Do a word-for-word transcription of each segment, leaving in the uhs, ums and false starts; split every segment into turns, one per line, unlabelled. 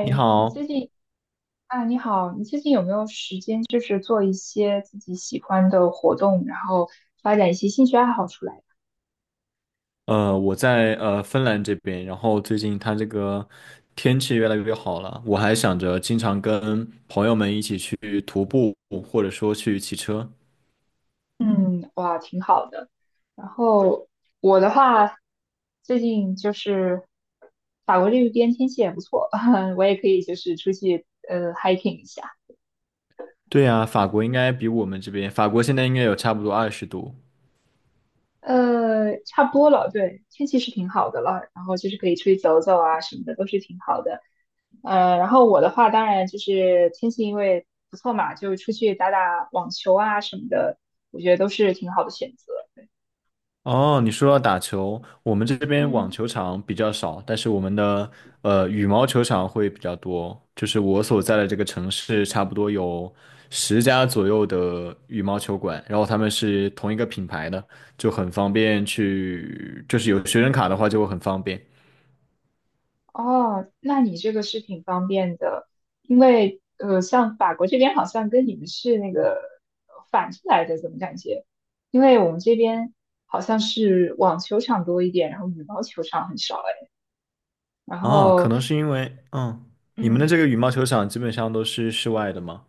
你好，
啊，你好，你最近有没有时间，就是做一些自己喜欢的活动，然后发展一些兴趣爱好出来？
呃，我在呃芬兰这边，然后最近它这个天气越来越好了，我还想着经常跟朋友们一起去徒步，或者说去骑车。
嗯，哇，挺好的。然后我的话，最近就是法国这边天气也不错，我也可以就是出去呃 hiking 一下。
对呀，法国应该比我们这边，法国现在应该有差不多二十度。
呃，差不多了，对，天气是挺好的了，然后就是可以出去走走啊什么的，都是挺好的。呃，然后我的话，当然就是天气因为不错嘛，就出去打打网球啊什么的，我觉得都是挺好的选择。
哦，你说到打球，我们这边网
嗯，
球场比较少，但是我们的呃羽毛球场会比较多。就是我所在的这个城市，差不多有十家左右的羽毛球馆，然后他们是同一个品牌的，就很方便去，就是有学生卡的话就会很方便。
哦，那你这个是挺方便的，因为呃，像法国这边好像跟你们是那个反着来的，怎么感觉？因为我们这边好像是网球场多一点，然后羽毛球场很少哎，然
哦，可
后
能是因为，嗯，你们的
嗯
这个羽毛球场基本上都是室外的吗？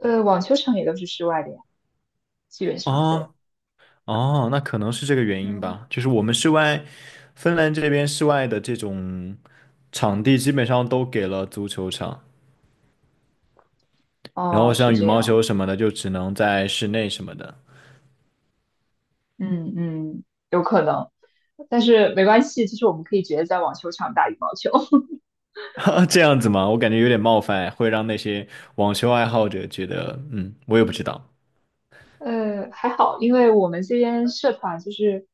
呃，网球场也都是室外的呀，基本上对。
哦哦，那可能是这个原因
嗯，
吧。就是我们室外，芬兰这边室外的这种。场地基本上都给了足球场，然
哦，
后
是
像羽
这
毛
样。
球什么的就只能在室内什么的。
嗯嗯，有可能，但是没关系，其实我们可以直接在网球场打羽毛球。
这样子吗？我感觉有点冒犯，会让那些网球爱好者觉得，嗯，我也不知道。
呃，还好，因为我们这边社团就是，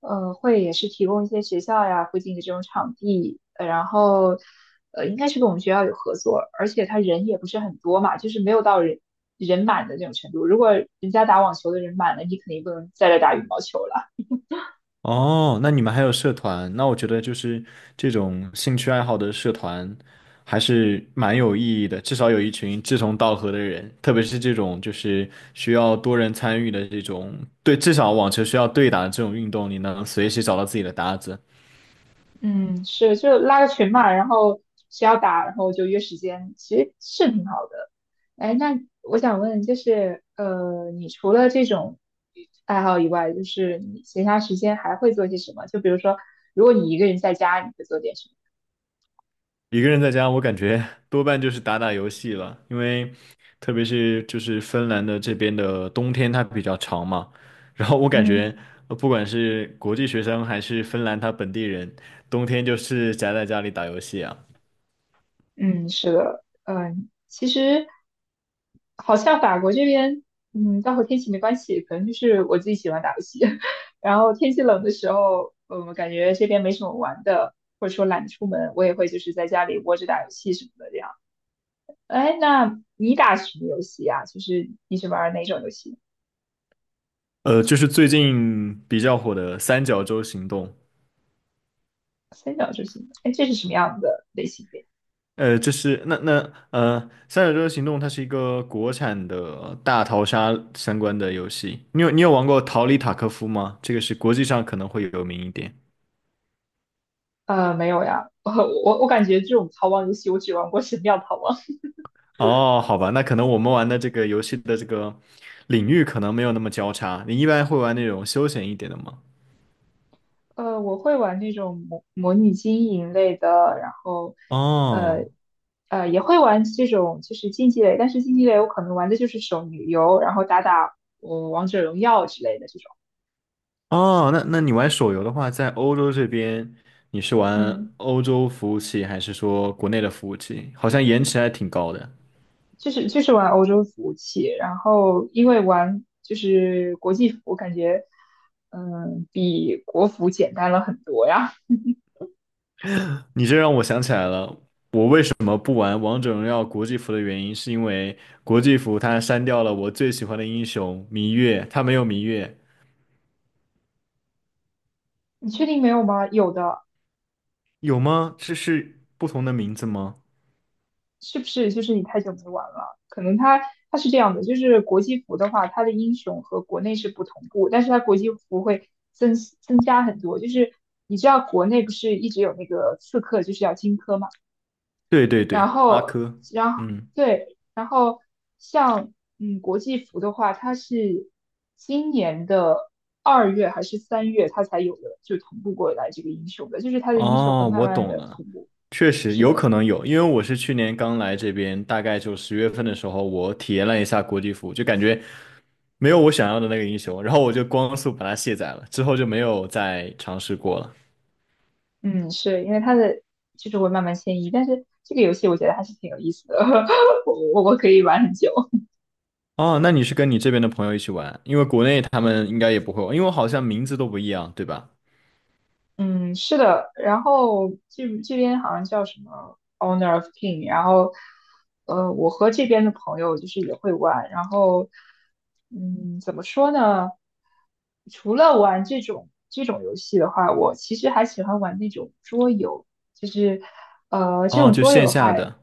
呃，会也是提供一些学校呀附近的这种场地，呃然后，呃，应该是跟我们学校有合作，而且他人也不是很多嘛，就是没有到人人满的那种程度。如果人家打网球的人满了，你肯定不能在这打羽毛球了。
哦，那你们还有社团？那我觉得就是这种兴趣爱好的社团还是蛮有意义的，至少有一群志同道合的人，特别是这种就是需要多人参与的这种，对，至少网球需要对打的这种运动，你能随时找到自己的搭子。
嗯，是，就拉个群嘛，然后谁要打，然后就约时间，其实是挺好的。哎，那我想问，就是呃，你除了这种爱好以外，就是你闲暇时间还会做些什么？就比如说，如果你一个人在家，你会做点什么？
一个人在家，我感觉 多半就是打打游戏了，因为特别是就是芬兰的这边的冬天它比较长嘛，然后我感
嗯
觉呃不管是国际学生还是芬兰他本地人，冬天就是宅在家里打游戏啊。
嗯，是的，嗯，其实好像法国这边，嗯，倒和天气没关系，可能就是我自己喜欢打游戏，然后天气冷的时候，嗯，我感觉这边没什么玩的，或者说懒得出门，我也会就是在家里窝着打游戏什么的这样。哎，那你打什么游戏呀？就是你是玩哪种游戏？
呃，就是最近比较火的三角洲行动。
三角洲行。哎，这是什么样的类型的呀
呃，这是那那呃三角洲行动它是一个国产的大逃杀相关的游戏，你有你有玩过逃离塔科夫吗？这个是国际上可能会有名一点。
呃，没有呀，我我我感觉这种逃亡游戏我只玩过《神庙逃亡》
哦，好吧，那可能我们玩的这个游戏的这个领域可能没有那么交叉。你一般会玩那种休闲一点的吗？
呃，我会玩那种模模拟经营类的，然后，呃，
哦
呃，也会玩这种就是竞技类，但是竞技类我可能玩的就是手游，然后打打我王者荣耀之类的这种，
哦，那那你玩手游的话，在欧洲这边，你是玩
嗯，
欧洲服务器还是说国内的服务器？好像延迟还挺高的。
就是就是玩欧洲服务器，然后因为玩就是国际服，我感觉嗯比国服简单了很多呀。
你这让我想起来了，我为什么不玩王者荣耀国际服的原因，是因为国际服它删掉了我最喜欢的英雄芈月，它没有芈月。
你确定没有吗？有的，
有吗？这是不同的名字吗？
是不是就是你太久没玩了？可能它它是这样的，就是国际服的话，它的英雄和国内是不同步，但是它国际服会增增加很多。就是你知道国内不是一直有那个刺客就是要荆轲嘛，
对对
然
对，阿
后
珂。
然后
嗯。
对，然后像嗯国际服的话，它是今年的二月还是三月它才有的，就同步过来这个英雄的，就是它的英雄会
哦，
慢
我
慢
懂
的
了，
同步。
确实
是
有
的。
可能有，因为我是去年刚来这边，大概就十月份的时候，我体验了一下国际服务就感觉没有我想要的那个英雄，然后我就光速把它卸载了，之后就没有再尝试过了。
嗯，是因为它的就是会慢慢迁移，但是这个游戏我觉得还是挺有意思的，我我我可以玩很久。
哦，那你是跟你这边的朋友一起玩，因为国内他们应该也不会玩，因为好像名字都不一样，对吧？
嗯，是的，然后这这边好像叫什么 o w n e r of King,然后呃，我和这边的朋友就是也会玩，然后嗯，怎么说呢？除了玩这种这种游戏的话，我其实还喜欢玩那种桌游，就是呃，这
哦，
种
就
桌游
线
的
下
话，
的。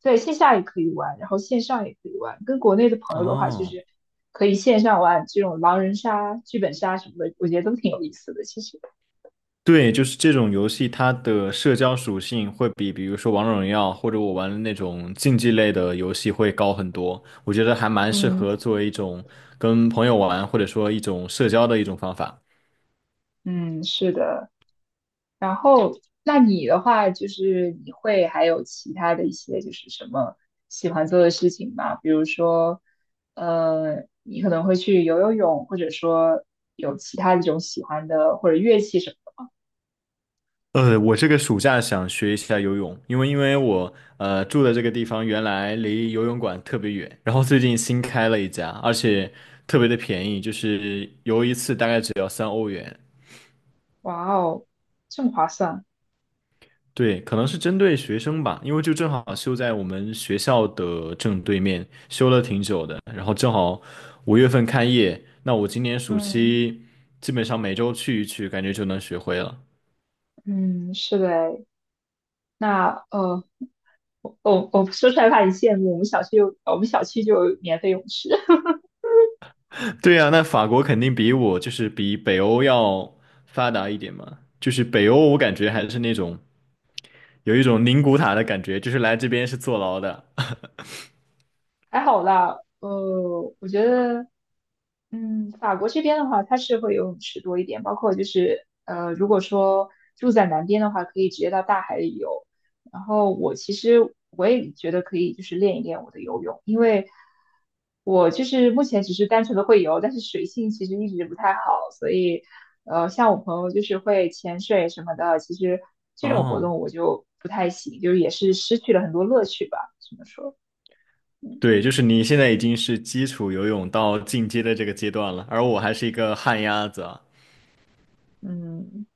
在线下也可以玩，然后线上也可以玩，跟国内的朋友的话，就
哦。
是可以线上玩这种狼人杀、剧本杀什么的，我觉得都挺有意思的，其实，
对，就是这种游戏，它的社交属性会比，比如说王者荣耀或者我玩的那种竞技类的游戏会高很多。我觉得还蛮适
嗯。
合作为一种跟朋友玩，或者说一种社交的一种方法。
嗯，是的。然后，那你的话，就是你会还有其他的一些，就是什么喜欢做的事情吗？比如说，呃，你可能会去游游泳，或者说有其他一种喜欢的或者乐器什么的
呃，我这个暑假想学一下游泳，因为因为我呃住的这个地方原来离游泳馆特别远，然后最近新开了一家，而且特别的便宜，就是游一次大概只要三欧元。
哇哦，这么划算。
对，可能是针对学生吧，因为就正好修在我们学校的正对面，修了挺久的，然后正好五月份开业，那我今年暑
嗯
期基本上每周去一去，感觉就能学会了。
嗯，是的诶，那呃，我我我说出来怕你羡慕，我们小区有我们小区就有免费泳池。
对呀，那法国肯定比我就是比北欧要发达一点嘛，就是北欧我感觉还是那种有一种宁古塔的感觉，就是来这边是坐牢的。
还好啦，呃，我觉得嗯，法国这边的话，它是会游泳池多一点，包括就是呃，如果说住在南边的话，可以直接到大海里游。然后我其实我也觉得可以，就是练一练我的游泳，因为我就是目前只是单纯的会游，但是水性其实一直不太好，所以呃，像我朋友就是会潜水什么的，其实这种活
哦，
动我就不太行，就是也是失去了很多乐趣吧，只能说，嗯
对，就是你现在已经是基础游泳到进阶的这个阶段了，而我还是一个旱鸭子啊。
嗯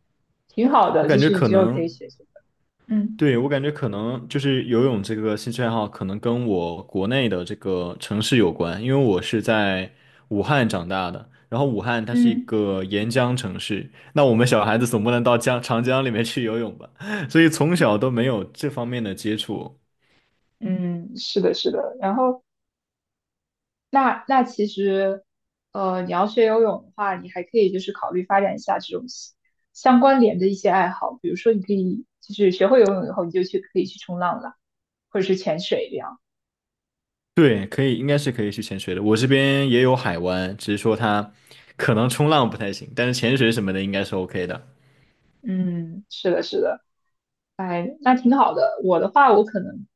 挺好
我
的，就
感觉
是你
可
之后可
能，
以学学的，嗯。
对，我感觉可能就是游泳这个兴趣爱好，可能跟我国内的这个城市有关，因为我是在武汉长大的，然后武汉它是一
嗯
个沿江城市，那我们小孩子总不能到江长江里面去游泳吧，所以从小都没有这方面的接触。
嗯，是的，是的。然后，那那其实，呃，你要学游泳的话，你还可以就是考虑发展一下这种相相关联的一些爱好，比如说你可以就是学会游泳以后，你就去可以去冲浪了，或者是潜水这样。
对，可以，应该是可以去潜水的。我这边也有海湾，只是说它可能冲浪不太行，但是潜水什么的应该是 OK 的。
嗯，是的，是的。哎，那挺好的。我的话，我可能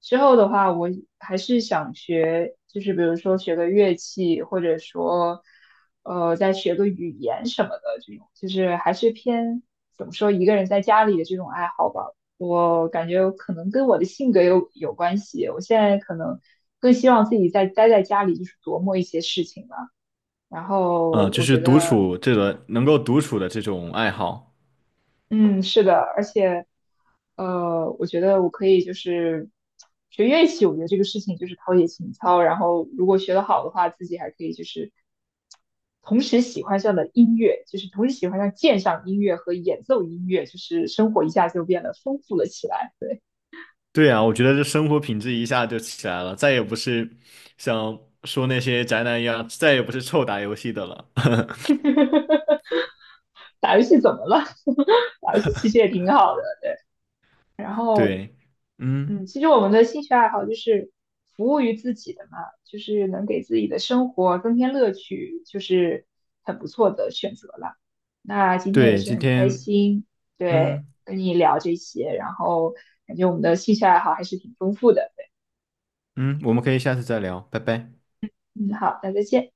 之后的话，我还是想学，就是比如说学个乐器，或者说，呃，再学个语言什么的这种，就是还是偏怎么说一个人在家里的这种爱好吧。我感觉可能跟我的性格有有关系。我现在可能更希望自己在待在家里，就是琢磨一些事情吧。然后
嗯，就
我
是
觉
独
得
处这个能够独处的这种爱好。
嗯，是的，而且，呃，我觉得我可以就是学乐器，我觉得这个事情就是陶冶情操，然后如果学得好的话，自己还可以就是同时喜欢上了音乐，就是同时喜欢上鉴赏音乐和演奏音乐，就是生活一下就变得丰富了起来。
对啊，我觉得这生活品质一下就起来了，再也不是像说那些宅男一样，再也不是臭打游戏的了。
打游戏怎么了？打游戏其实也挺好的。然后
对。嗯。
嗯，其实我们的兴趣爱好就是服务于自己的嘛，就是能给自己的生活增添乐趣，就是很不错的选择了。那今天也
对，
是
今
很开
天。
心，对，
嗯
跟你聊这些，然后感觉我们的兴趣爱好还是挺丰富的。
嗯，我们可以下次再聊，拜拜。
嗯，好，那再见。